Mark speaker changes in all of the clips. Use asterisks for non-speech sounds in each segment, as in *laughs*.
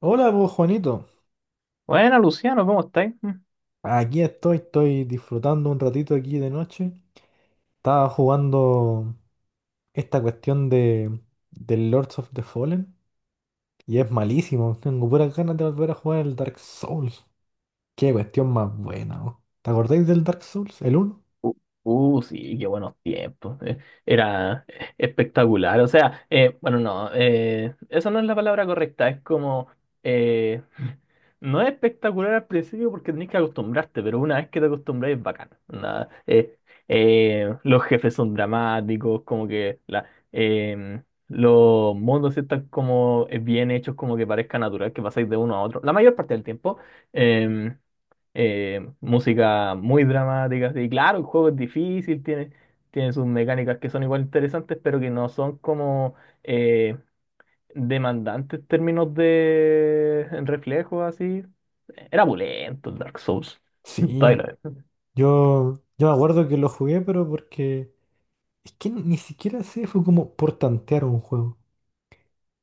Speaker 1: Hola, pues Juanito.
Speaker 2: Bueno, Luciano, ¿cómo estáis? Mm.
Speaker 1: Aquí estoy disfrutando un ratito aquí de noche. Estaba jugando esta cuestión de del Lords of the Fallen y es malísimo. Tengo puras ganas de volver a jugar el Dark Souls. Qué cuestión más buena, oh. ¿Te acordáis del Dark Souls? ¿El uno?
Speaker 2: Uh, sí, qué buenos tiempos. Era espectacular. O sea, bueno, no, eso no es la palabra correcta. Es como, eh, *laughs* no es espectacular al principio porque tenés que acostumbrarte, pero una vez que te acostumbras es bacán. Nada, los jefes son dramáticos, como que eh, los mundos están como bien hechos, como que parezca natural que pasáis de uno a otro. La mayor parte del tiempo. em, Música muy dramática. Y claro, el juego es difícil, tiene sus mecánicas que son igual interesantes, pero que no son como eh, demandantes en términos de reflejos, así. Era pulento el Dark Souls. *laughs*
Speaker 1: Sí.
Speaker 2: Todavía lo es.
Speaker 1: Yo me acuerdo que lo jugué, pero porque es que ni siquiera sé, fue como por tantear un juego.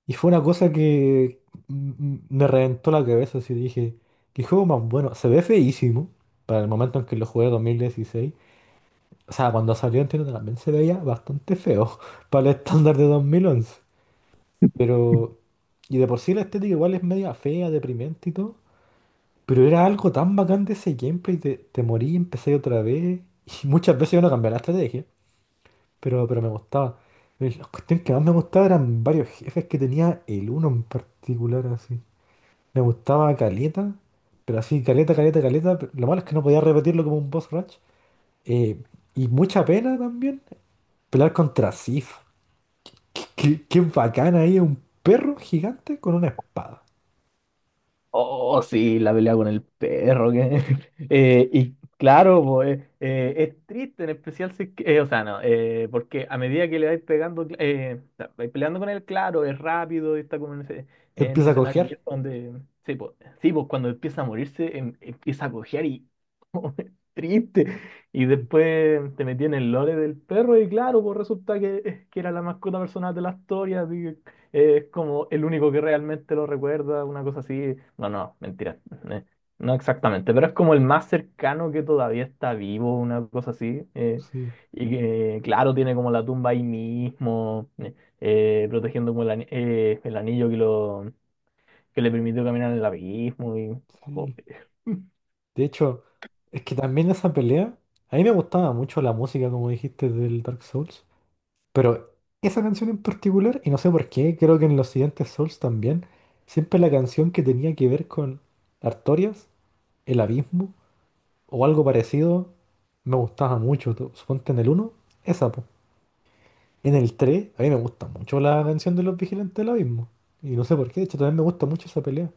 Speaker 1: Y fue una cosa que m- me reventó la cabeza, así dije, qué juego más bueno. Se ve feísimo para el momento en que lo jugué 2016. O sea, cuando salió entiendo también se veía bastante feo *laughs* para el estándar de 2011. Pero, y de por sí la estética igual es media fea, deprimente y todo. Pero era algo tan bacán de ese gameplay, te morí, empecé otra vez. *laughs* Y muchas veces yo no cambiaba la estrategia, pero me gustaba. Y la cuestión que más me gustaba eran varios jefes que tenía el uno en particular así. Me gustaba caleta, pero así, caleta, caleta, caleta. Lo malo es que no podía repetirlo como un boss rush. Eh, y mucha pena también pelear contra Sif. Qué bacán ahí, un perro gigante con una espada.
Speaker 2: Oh, oh, sí, la pelea con el perro. *laughs* Y claro, pues, es triste, en especial si o sea, no, porque a medida que le vais pegando, o sea, vais peleando con él, claro, es rápido, está como en ese, en un
Speaker 1: Empieza a
Speaker 2: escenario
Speaker 1: cojear.
Speaker 2: abierto donde, sí, pues, sí, pues, cuando empieza a morirse, empieza a cojear y *laughs* es triste. Y
Speaker 1: Sí,
Speaker 2: después te metí en el lore del perro y claro, pues resulta que era la mascota personal de la historia, es como el único que realmente lo recuerda, una cosa así. No, no, mentira. eh, No exactamente, pero es como el más cercano que todavía está vivo, una cosa así.
Speaker 1: sí,
Speaker 2: Y que, claro, tiene como la tumba ahí mismo, protegiendo como el anillo que, que le permitió caminar en el abismo. Y,
Speaker 1: sí.
Speaker 2: joder.
Speaker 1: De hecho, es que también esa pelea, a mí me gustaba mucho la música, como dijiste, del Dark Souls, pero esa canción en particular, y no sé por qué, creo que en los siguientes Souls también, siempre la canción que tenía que ver con Artorias, El Abismo o algo parecido me gustaba mucho. Suponte en el uno esa, po. En el 3 a mí me gusta mucho la canción de los Vigilantes del Abismo. Y no sé por qué, de hecho también me gusta mucho esa pelea.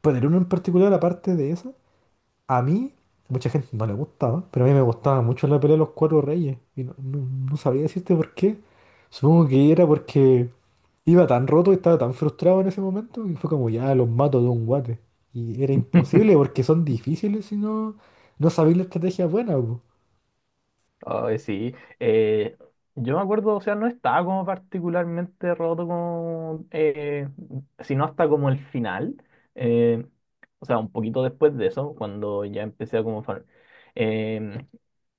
Speaker 1: Pero en el uno en particular, aparte de esa, a mí, mucha gente no le gustaba, pero a mí me gustaba mucho la pelea de los Cuatro Reyes. Y no sabría decirte por qué. Supongo que era porque iba tan roto y estaba tan frustrado en ese momento que fue como ya los mato de un guate. Y era
Speaker 2: *laughs*
Speaker 1: imposible porque son difíciles si no, no sabéis la estrategia buena, po.
Speaker 2: Ay, sí. Yo me acuerdo, o sea, no estaba como particularmente roto como, sino hasta como el final. Eh, o sea, un poquito después de eso, cuando ya empecé a como farm. Em,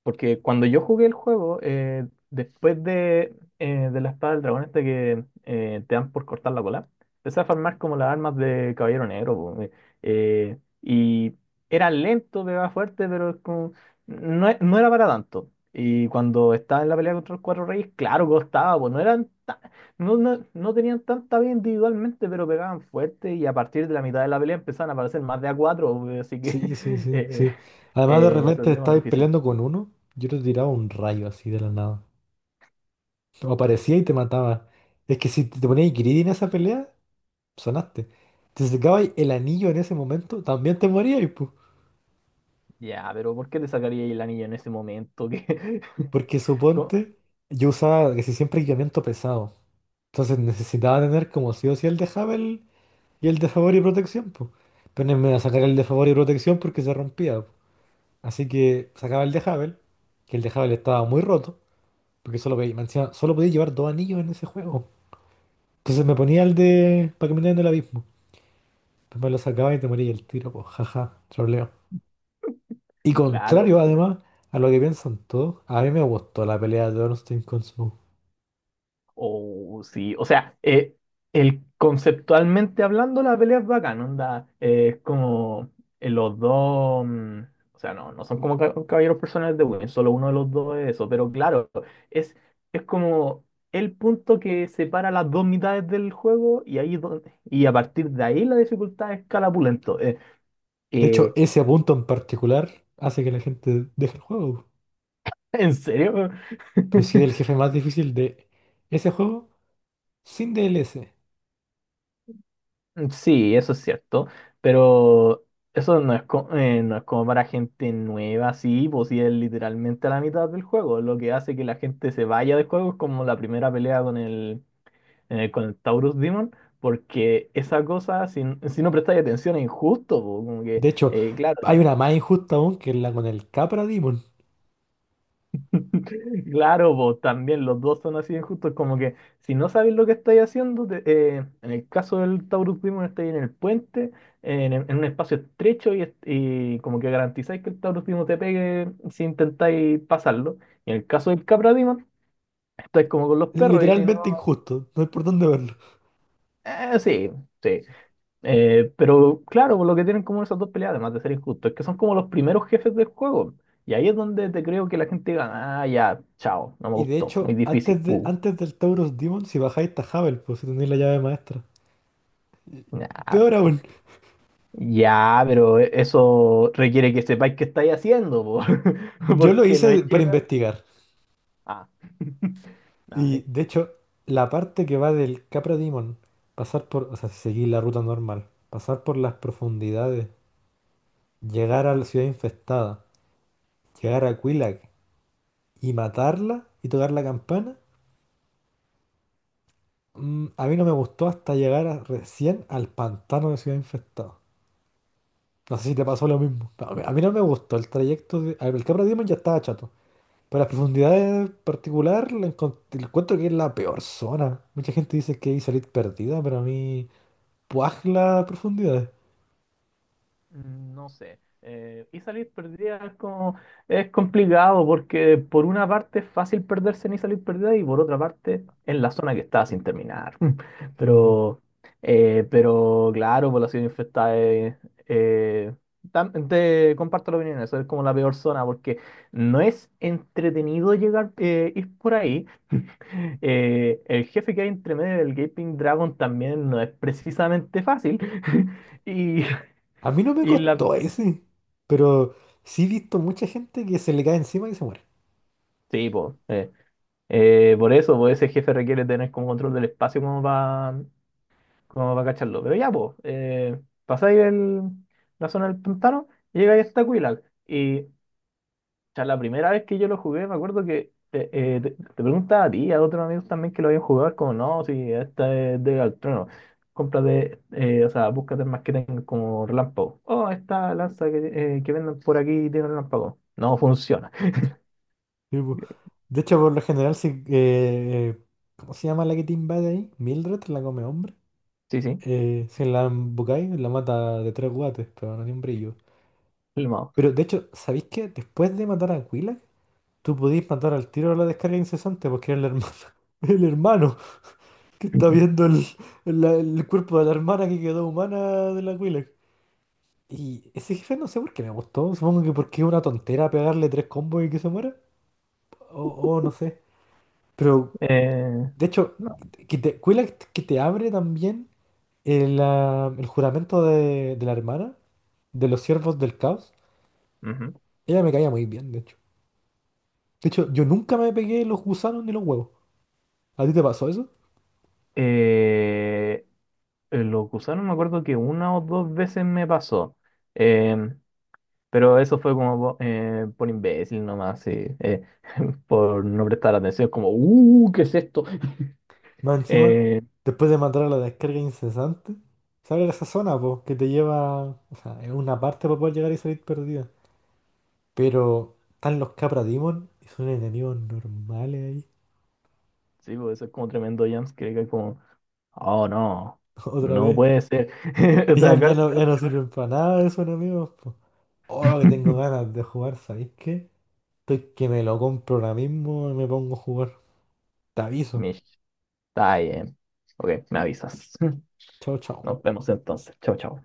Speaker 2: Porque cuando yo jugué el juego, después de la espada del dragón este que te dan por cortar la cola, empecé a farmar como las armas de Caballero Negro. Po. Eh, y era lento, pegaba fuerte, pero es como no, no era para tanto. Y cuando estaba en la pelea contra los Cuatro Reyes, claro, costaba, pues no eran ta- no, no, no tenían tanta vida individualmente, pero pegaban fuerte y a partir de la mitad de la pelea empezaban a aparecer más de a cuatro, *laughs* pues, así que
Speaker 1: Sí, sí,
Speaker 2: *laughs*
Speaker 1: sí,
Speaker 2: eh,
Speaker 1: sí. Además de
Speaker 2: se
Speaker 1: repente
Speaker 2: volvió más
Speaker 1: estabais
Speaker 2: difícil.
Speaker 1: peleando con uno, yo te tiraba un rayo así de la nada. O aparecía y te mataba. Es que si te ponías greedy en esa pelea, sonaste. Te sacabas el anillo en ese momento, también te morías, pues.
Speaker 2: Ya, pero ¿por qué te sacaría el anillo en ese momento? *laughs*
Speaker 1: Porque suponte, yo usaba casi siempre equipamiento pesado. Entonces necesitaba tener como sí o sí el de Havel y el de favor y protección, pues. Pero no me iba a sacar el de favor y protección porque se rompía, po. Así que sacaba el de Havel, que el de Havel estaba muy roto, porque solo podía, me decía solo podía llevar dos anillos en ese juego. Entonces me ponía el de para caminar en el abismo. Pues me lo sacaba y te moría el tiro, pues, jaja, troleo. Y
Speaker 2: Claro.
Speaker 1: contrario, además, a lo que piensan todos, a mí me gustó la pelea de Ornstein con Smough.
Speaker 2: Oh, sí, o sea, el, conceptualmente hablando, la pelea es bacán, onda, es como los dos, o sea, no, no son como caballeros personales de Win, solo uno de los dos es eso, pero claro, es, es como el punto que separa las dos mitades del juego y ahí donde, y a partir de ahí la dificultad escala pulento.
Speaker 1: De hecho,
Speaker 2: Eh,
Speaker 1: ese punto en particular hace que la gente deje el juego.
Speaker 2: ¿En serio?
Speaker 1: Pero sí, el
Speaker 2: *laughs*
Speaker 1: jefe más difícil de ese juego sin DLC.
Speaker 2: Mm, sí, eso es cierto, pero eso no es, no es como para gente nueva, sí, pues sí es literalmente a la mitad del juego. Lo que hace que la gente se vaya del juego es como la primera pelea con con el Taurus Demon, porque esa cosa, si no prestáis atención, es injusto, po, como que,
Speaker 1: De hecho,
Speaker 2: claro.
Speaker 1: hay una más injusta aún que es la con el Capra Demon.
Speaker 2: Claro, vos también, los dos son así de injustos, como que si no sabéis lo que estáis haciendo, en el caso del Taurus Primo estáis en el puente, en un espacio estrecho y como que garantizáis que el Taurus Primo te pegue si intentáis pasarlo. Y en el caso del Capra Demon, estáis como con los perros y si no,
Speaker 1: Literalmente injusto, no hay por dónde verlo.
Speaker 2: sí, sí. Pero claro, por lo que tienen como esas dos peleas, además de ser injustos, es que son como los primeros jefes del juego. Y ahí es donde te creo que la gente gana, ah, ya, chao, no me
Speaker 1: Y de
Speaker 2: gustó, muy
Speaker 1: hecho,
Speaker 2: difícil,
Speaker 1: antes, de,
Speaker 2: puh.
Speaker 1: antes del Taurus Demon, si bajáis está Havel, pues si tenéis la llave maestra.
Speaker 2: Nah.
Speaker 1: Peor aún,
Speaker 2: Ya, pero eso requiere que sepáis qué estáis haciendo, po. *laughs*
Speaker 1: yo lo
Speaker 2: Porque no es
Speaker 1: hice para
Speaker 2: llegar.
Speaker 1: investigar.
Speaker 2: Ah. *laughs* Nah.
Speaker 1: Y de hecho, la parte que va del Capra Demon, pasar por, o sea, seguir la ruta normal, pasar por las profundidades, llegar a la ciudad infestada, llegar a Quilac y matarla y tocar la campana, a mí no me gustó hasta llegar recién al pantano de ciudad infestada. No sé si te pasó lo mismo. A mí no me gustó el trayecto de, a ver, el Capra Demon ya estaba chato. Pero las profundidades en particular, la encuentro que es la peor zona. Mucha gente dice que hay salir perdida, pero a mí. Puaj la profundidad.
Speaker 2: Mm. No sé. Y salir perdida es como, es complicado porque por una parte es fácil perderse ni salir perdida y por otra parte es la zona que está sin terminar. *laughs*
Speaker 1: Sí.
Speaker 2: Pero, pero claro, población infectada es, eh, te comparto la opinión, eso es como la peor zona porque no es entretenido llegar, ir por ahí. *laughs* El jefe que hay entre medio del Gaping Dragon también no es precisamente fácil. *laughs* Y,
Speaker 1: A mí no me
Speaker 2: y la,
Speaker 1: costó ese, pero sí he visto mucha gente que se le cae encima y se muere.
Speaker 2: Sí, pues, por eso, pues ese jefe requiere tener como control del espacio como para como pa cacharlo. Pero ya, pues, pasáis la zona del pantano, llegáis hasta Quilac. Y ya la primera vez que yo lo jugué, me acuerdo que te preguntaba a ti y a otros amigos también que lo habían jugado, es como, no, si esta es de Galtrono. Cómprate, o sea, búscate más que tengan como relámpago. Oh, esta lanza que venden por aquí tiene relámpago. No funciona.
Speaker 1: Sí, po. De hecho, por lo general, ¿cómo se llama la que te invade ahí? Mildred, la come hombre.
Speaker 2: Sí, sí,
Speaker 1: Si la embocáis, la mata de tres guates, pero no tiene un brillo.
Speaker 2: el
Speaker 1: Pero de hecho, ¿sabéis que después de matar a Aquila, tú podéis matar al tiro a la descarga incesante porque era el hermano? *laughs* El hermano que está viendo el- el cuerpo de la hermana que quedó humana de la Aquila. Y ese jefe no sé por qué me gustó. Supongo que porque es una tontera pegarle tres combos y que se muera. O, o no sé. Pero,
Speaker 2: Eh,
Speaker 1: de hecho,
Speaker 2: no.
Speaker 1: cuela que te abre también el juramento de la hermana, de los siervos del caos.
Speaker 2: Ujú.
Speaker 1: Ella me caía muy bien, de hecho. De hecho, yo nunca me pegué los gusanos ni los huevos. ¿A ti te pasó eso?
Speaker 2: Eh, los gusanos me acuerdo que una o dos veces me pasó. Em, pero eso fue como por imbécil nomás, sí, *laughs* por no prestar atención, como, ¿qué es esto? *laughs*
Speaker 1: Más encima,
Speaker 2: Eh,
Speaker 1: después de matar a la descarga incesante, se esa zona, po, que te lleva, o sea, es una parte para poder llegar y salir perdido. Pero están los Capra Demon y son enemigos normales ahí.
Speaker 2: sí, pues eso es como tremendo jumpscare, que es como, oh no,
Speaker 1: *laughs* Otra
Speaker 2: no
Speaker 1: vez.
Speaker 2: puede ser. *laughs* O sea,
Speaker 1: Ya no, ya no sirven para nada esos enemigos, po. Oh, que tengo
Speaker 2: *laughs*
Speaker 1: ganas de jugar, ¿sabéis qué? Estoy que me lo compro ahora mismo y me pongo a jugar. Te aviso.
Speaker 2: Mish, está bien. Ok, me avisas.
Speaker 1: Chao,
Speaker 2: *laughs*
Speaker 1: chao.
Speaker 2: Nos vemos entonces. Chao, chao.